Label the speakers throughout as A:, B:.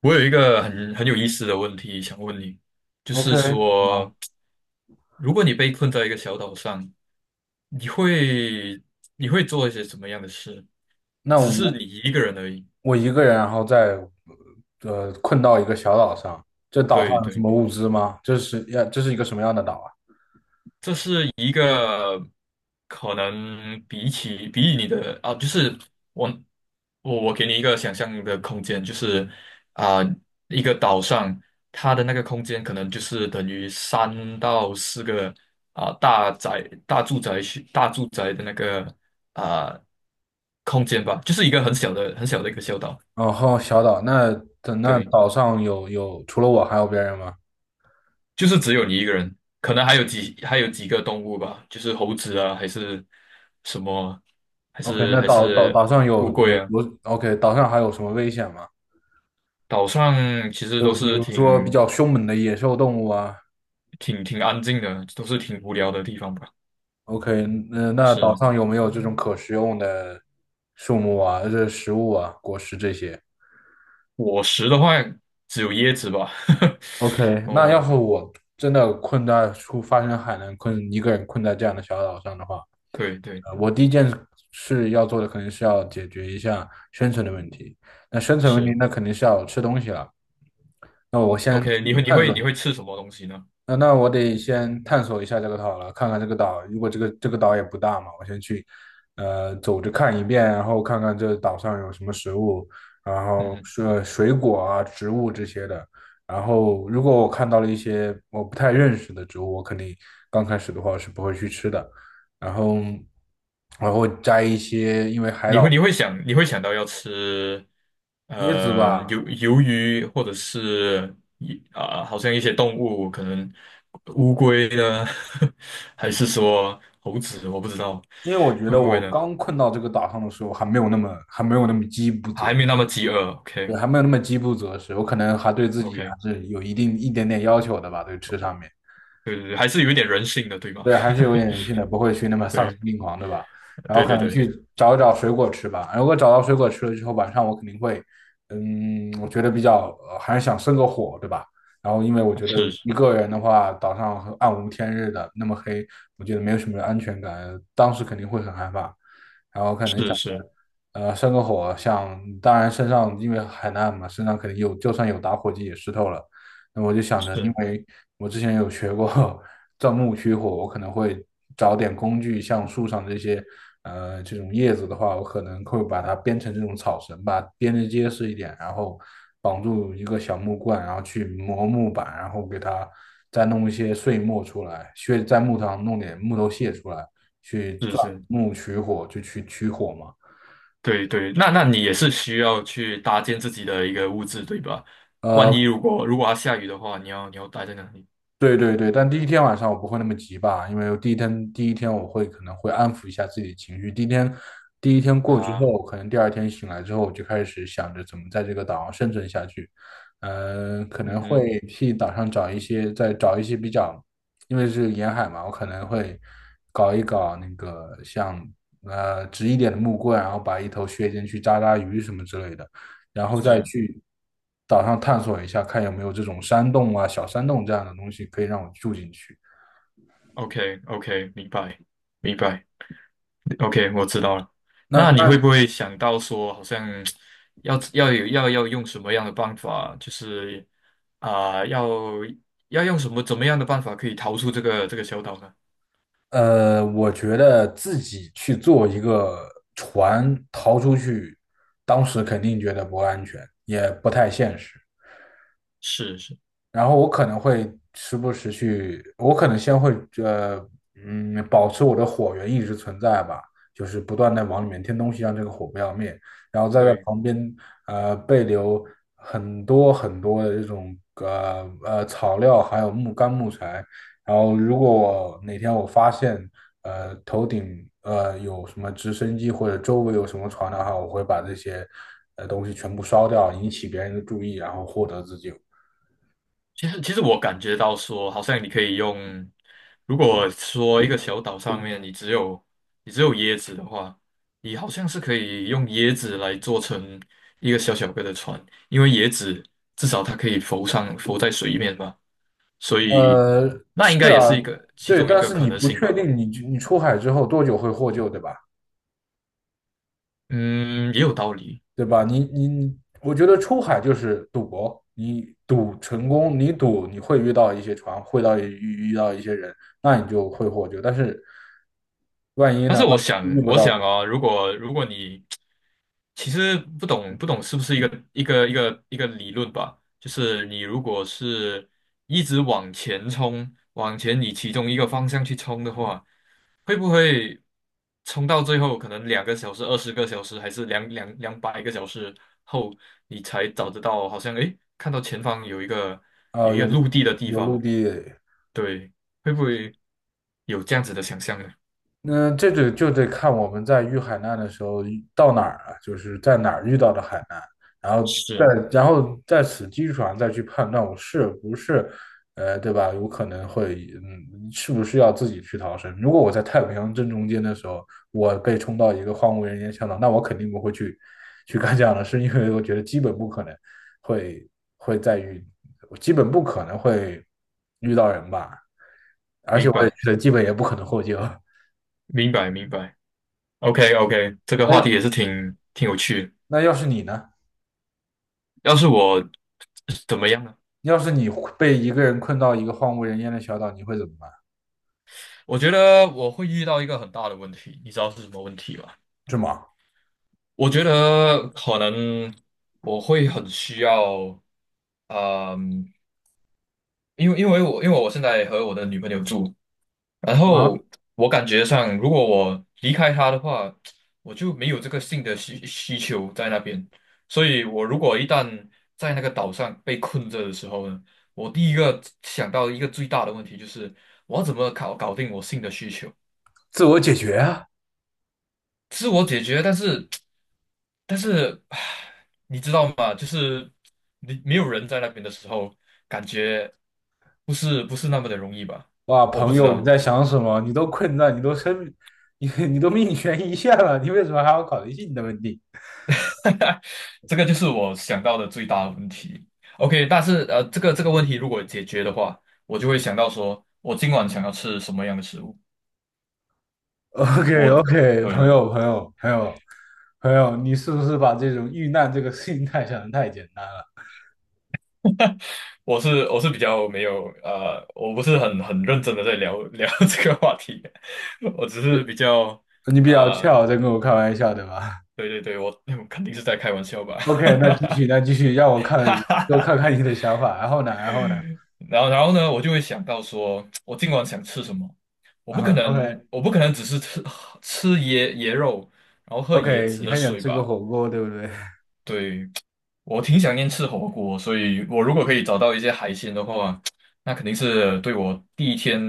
A: 我有一个很有意思的问题想问你，就
B: OK，
A: 是
B: 啊，
A: 说，如果你被困在一个小岛上，你会你会做一些什么样的事？
B: 那
A: 只是
B: 我
A: 你一个人而已。
B: 我一个人，然后再困到一个小岛上，这岛上
A: 对
B: 有什
A: 对。
B: 么物资吗？这是一个什么样的岛啊？
A: 这是一个可能比起你的啊，就是我我给你一个想象的空间，就是啊、一个岛上它的那个空间可能就是等于三到四个啊、大宅大住宅区大住宅的那个啊、空间吧，就是一个很小的很小的一个小岛，
B: 然后小岛，那那
A: 对。
B: 岛上有除了我还有别人吗
A: 就是只有你一个人，可能还有几个动物吧，就是猴子啊，还是什么，还
B: ？OK，
A: 是
B: 那
A: 还
B: 岛岛
A: 是
B: 岛上
A: 乌
B: 有
A: 龟
B: 有
A: 啊。
B: 有 OK，岛上还有什么危险吗？
A: 岛上其实
B: 就
A: 都
B: 比
A: 是
B: 如说比
A: 挺
B: 较凶猛的野兽动物啊。
A: 挺挺安静的，都是挺无聊的地方吧。
B: OK，那那岛
A: 是
B: 上有没有这种可食用的树木啊，这食物啊，果实这些？
A: 果实的话，只有椰子吧。
B: OK，
A: 哦，
B: 那要是我真的困在出发生海难困，一个人困在这样的小岛上的话，
A: 对对，
B: 我第一件事要做的肯定是要解决一下生存的问题。那生存问题，
A: 是
B: 那肯定是要吃东西了。那我先
A: OK。你
B: 去
A: 会你
B: 探
A: 会
B: 索
A: 你会吃什么东西呢？
B: 那我得先探索一下这个岛了，看看这个岛。如果这个岛也不大嘛，我先去，走着看一遍，然后看看这岛上有什么食物，然
A: 嗯
B: 后
A: 哼。
B: 是水果啊、植物这些的。然后如果我看到了一些我不太认识的植物，我肯定刚开始的话是不会去吃的。然后，然后摘一些，因为海
A: 你会
B: 岛
A: 你会想你会想到要吃
B: 椰子吧，
A: 鱿鱼或者是啊、好像一些动物，可能乌龟呢，还是说猴子，我不知道
B: 因为我觉
A: 会
B: 得
A: 不
B: 我
A: 会呢？
B: 刚困到这个岛上的时候还没有那么饥不择
A: 还没那么饥饿，OK
B: 对，还没有那么饥不择食，我可能还对自己还
A: OK，
B: 是有一点点要求的吧，对吃上面。
A: 对对对，还是有一点人性的，对吧？
B: 对，还是有 点人性的，不会去那么丧心
A: 对
B: 病狂，对吧？然后
A: 对
B: 可
A: 对
B: 能
A: 对，
B: 去找一找水果吃吧。如果找到水果吃了之后，晚上我肯定会，嗯，我觉得比较，还是想生个火，对吧？然后因为我觉得
A: 是
B: 一个人的话，岛上很暗无天日的，那么黑，我觉得没有什么安全感，当时肯定会很害怕。然后可能想
A: 是是
B: 着呃，生个火，想当然身上因为海难嘛，身上肯定有，就算有打火机也湿透了。那我就想着，因
A: 是
B: 为我之前有学过 钻木取火，我可能会找点工具，像树上这些这种叶子的话，我可能会把它编成这种草绳吧，编得结实一点，然后绑住一个小木棍，然后去磨木板，然后给它再弄一些碎末出来，削在木头上弄点木头屑出来，去
A: 是
B: 钻
A: 是。
B: 木取火，就去取火嘛。
A: 对对，那你也是需要去搭建自己的一个物质，对吧？万一
B: 呃，
A: 如果要下雨的话，你要待在哪里
B: 对对对，但第一天晚上我不会那么急吧，因为我第一天第一天我可能会安抚一下自己的情绪。第一天过之
A: 啊？
B: 后，可能第二天醒来之后，我就开始想着怎么在这个岛上生存下去。嗯、可
A: 嗯
B: 能
A: 哼，
B: 会替岛上找一些，再找一些比较，因为是沿海嘛，我可能会搞一搞那个像直一点的木棍，然后把一头削尖去扎扎鱼什么之类的。然后再
A: 是
B: 去岛上探索一下，看有没有这种山洞啊、小山洞这样的东西可以让我住进去。
A: ，OK OK，明白明白，OK，我知道了。
B: 那
A: 那你会
B: 那
A: 不会想到说，好像要要有要要用什么样的办法，就是啊、要用什么怎么样的办法可以逃出这个小岛呢？
B: 我觉得自己去做一个船逃出去，当时肯定觉得不安全，也不太现实。
A: 是是，
B: 然后我可能会时不时去，我可能先会呃保持我的火源一直存在吧，就是不断的往里面添东西，让这个火不要灭，然后再在
A: 对。
B: 旁边备留很多很多的这种草料，还有木干木材，然后如果我哪天我发现头顶有什么直升机或者周围有什么船的话，我会把这些东西全部烧掉，引起别人的注意，然后获得自救。
A: 其实我感觉到说，好像你可以用，如果说一个小岛上面你只有椰子的话，你好像是可以用椰子来做成一个小小个的船，因为椰子至少它可以浮在水面嘛，所以
B: 呃，
A: 那应
B: 是
A: 该也是
B: 啊，
A: 一个其
B: 对，
A: 中一
B: 但
A: 个
B: 是
A: 可
B: 你
A: 能
B: 不
A: 性
B: 确
A: 吧。
B: 定你你出海之后多久会获救，对吧？
A: 嗯，也有道理。
B: 对吧？你我觉得出海就是赌博，你赌成功，你赌你会遇到一些船，会遇到一些人，那你就会获救。但是万一
A: 但
B: 呢？
A: 是我
B: 万一
A: 想，
B: 遇不
A: 我
B: 到呢？
A: 想啊、如果你其实不懂是不是一个理论吧？就是你如果是一直往前冲，往前你其中一个方向去冲的话，会不会冲到最后可能2个小时、20个小时，还是200个小时后，你才找得到？好像诶，看到前方有一个有
B: 啊、
A: 一个陆地的地
B: 有
A: 方，
B: 陆地，
A: 对，会不会有这样子的想象呢？
B: 那这个就得看我们在遇海难的时候遇到哪儿了，就是在哪儿遇到的海难，然后再
A: 是，
B: 然后在此基础上再去判断我是不是，对吧？有可能会，嗯，是不是要自己去逃生？如果我在太平洋正中间的时候，我被冲到一个荒无人烟小岛，那我肯定不会去干这样的事，因为我觉得基本不可能会会再遇，基本不可能会遇到人吧，而且
A: 明
B: 我也
A: 白，
B: 觉得基本也不可能获救。
A: 明白，明白。OK OK，这个话题
B: 哎，
A: 也是挺有趣的。
B: 那要是你呢？
A: 要是我怎么样呢？
B: 要是你被一个人困到一个荒无人烟的小岛，你会怎么办？
A: 我觉得我会遇到一个很大的问题，你知道是什么问题吗？
B: 这么
A: 我觉得可能我会很需要，嗯，因为我现在和我的女朋友住，然后
B: 啊，
A: 我感觉上，如果我离开他的话，我就没有这个性的需求在那边。所以，我如果一旦在那个岛上被困着的时候呢，我第一个想到一个最大的问题就是，我要怎么搞定我性的需求？
B: 自我解决啊！
A: 自我解决，但是，唉你知道吗？就是你没有人在那边的时候，感觉不是那么的容易吧？
B: 哇，
A: 我不
B: 朋
A: 知
B: 友，你
A: 道。
B: 在想什么？你都困在，你都生，你都命悬一线了，你为什么还要考虑性的问题
A: 这个就是我想到的最大的问题。OK，但是这个问题如果解决的话，我就会想到说，我今晚想要吃什么样的食物。
B: ？OK
A: 我
B: OK，
A: 对
B: 朋友，你是不是把这种遇难这个心态想的太简单了？
A: 我是比较没有我不是很认真的在聊聊 这个话题，我只是比较
B: 你比较 c
A: 呃，
B: 在跟我开玩笑，对吧
A: 对对对，我肯定是在开玩笑吧。
B: ？OK，那继续，那继续，让我
A: 哈
B: 看，
A: 哈
B: 多
A: 哈
B: 看看你的想法。然后呢？然后呢？
A: 然后呢，我就会想到说，我今晚想吃什么？我不可
B: 啊，OK，
A: 能，我不可能只是吃椰肉，然后喝椰
B: OK，
A: 子
B: 你
A: 的
B: 还想
A: 水
B: 吃个
A: 吧？
B: 火锅，对不对
A: 对，我挺想念吃火锅，所以我如果可以找到一些海鲜的话，那肯定是对我第一天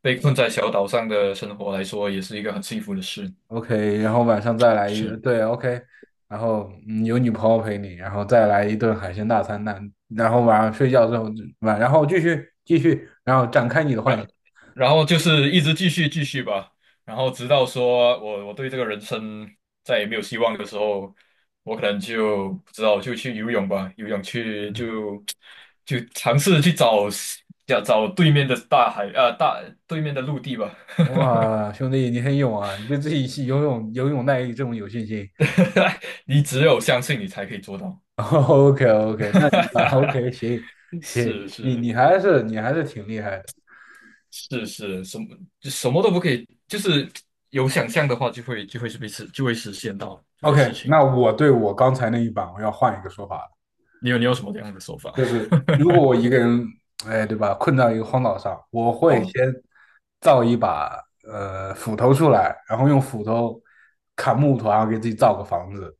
A: 被困在小岛上的生活来说，也是一个很幸福的事。
B: ？OK，然后晚上再来一个，
A: 是。
B: 对，OK，然后有女朋友陪你，然后再来一顿海鲜大餐，那然后晚上睡觉之后就晚，然后继续，然后展开你的幻想。
A: 然然后就是一直继续继续吧，然后直到说我对这个人生再也没有希望的时候，我可能就不知道就去游泳吧，游泳去就尝试去找要找对面的大海啊、大对面的陆地吧，
B: 哇，兄弟，你很勇啊！你对自己是游泳耐力这么有信心。
A: 你只有相信你才可以做到，
B: OK OK，那你吧 OK 行 行，
A: 是是
B: 你还是挺厉害的。
A: 是是，什么就什么都不可以，就是有想象的话就会实现到这些事
B: OK，
A: 情。
B: 那我对我刚才那一版我要换一个说法了。
A: 你有什么这样的说法？
B: 就是如果我一个人，哎，对吧，困在一个荒岛上，我 会
A: 好，
B: 先造一把斧头出来，然后用斧头砍木头，然后给自己造个房子，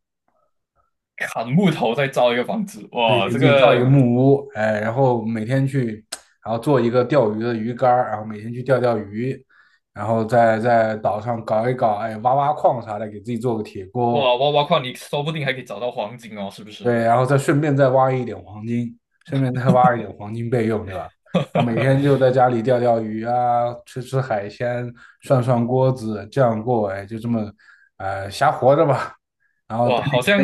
A: 砍木头再造一个房子，
B: 对，
A: 哇，
B: 给自
A: 这
B: 己造一个
A: 个
B: 木屋，哎，然后每天去，然后做一个钓鱼的鱼竿儿，然后每天去钓钓鱼，然后再在岛上搞一搞，哎，挖挖矿啥的，给自己做个铁
A: 哇
B: 锅，
A: 挖挖矿，你说不定还可以找到黄金哦，是不
B: 对，
A: 是？
B: 然后再顺便再挖一点黄金，顺便再挖一点黄金备用，对吧？啊，每天就 在家里钓钓鱼啊，吃吃海鲜，涮涮锅子，这样过，哎，就这么，瞎活着吧。然后
A: 哇，好像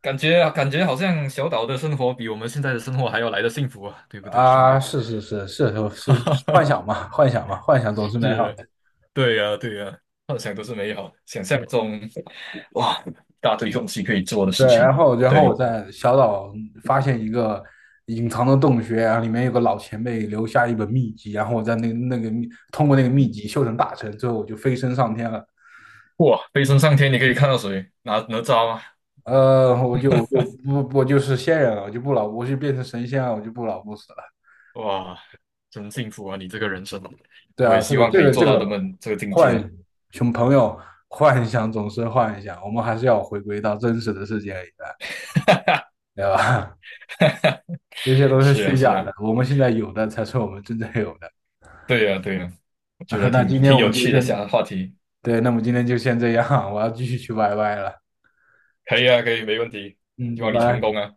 A: 感觉好像小岛的生活比我们现在的生活还要来的幸福啊，对不对，兄
B: 啊，
A: 弟？
B: 是，幻想嘛，幻想总是美好
A: 是，
B: 的。
A: 对呀，对呀，幻想都是美好的，想象中哇，一大堆东西可以做的事
B: 对，
A: 情，
B: 然后我
A: 对，
B: 在小岛发现一个隐藏的洞穴，然后里面有个老前辈留下一本秘籍，然后我在那个通过那个秘籍修成大成，最后我就飞升上天了。
A: 哇，飞升上天，你可以看到谁？哪吒吗？
B: 我就不我就是仙人了，我就不老，我就变成神仙了，我就不老不死了。
A: 哇，真幸福啊！你这个人生，
B: 对
A: 我也
B: 啊，
A: 希望可以
B: 这
A: 做到他
B: 个
A: 们这个境界。
B: 幻熊朋友幻想总是幻想，我们还是要回归到真实的世界里的，对吧？这些都是
A: 是啊，
B: 虚
A: 是
B: 假的，
A: 啊，
B: 我们现在有的才是我们真正有的。
A: 对呀，对呀，我觉得
B: 那
A: 挺
B: 今天
A: 挺
B: 我们
A: 有
B: 就
A: 趣的，
B: 先，
A: 下话题，
B: 对，那么今天就先这样，我要继续去 YY 了。
A: 可以啊，可以，没问题，
B: 嗯，
A: 希
B: 拜
A: 望你成功
B: 拜。
A: 啊。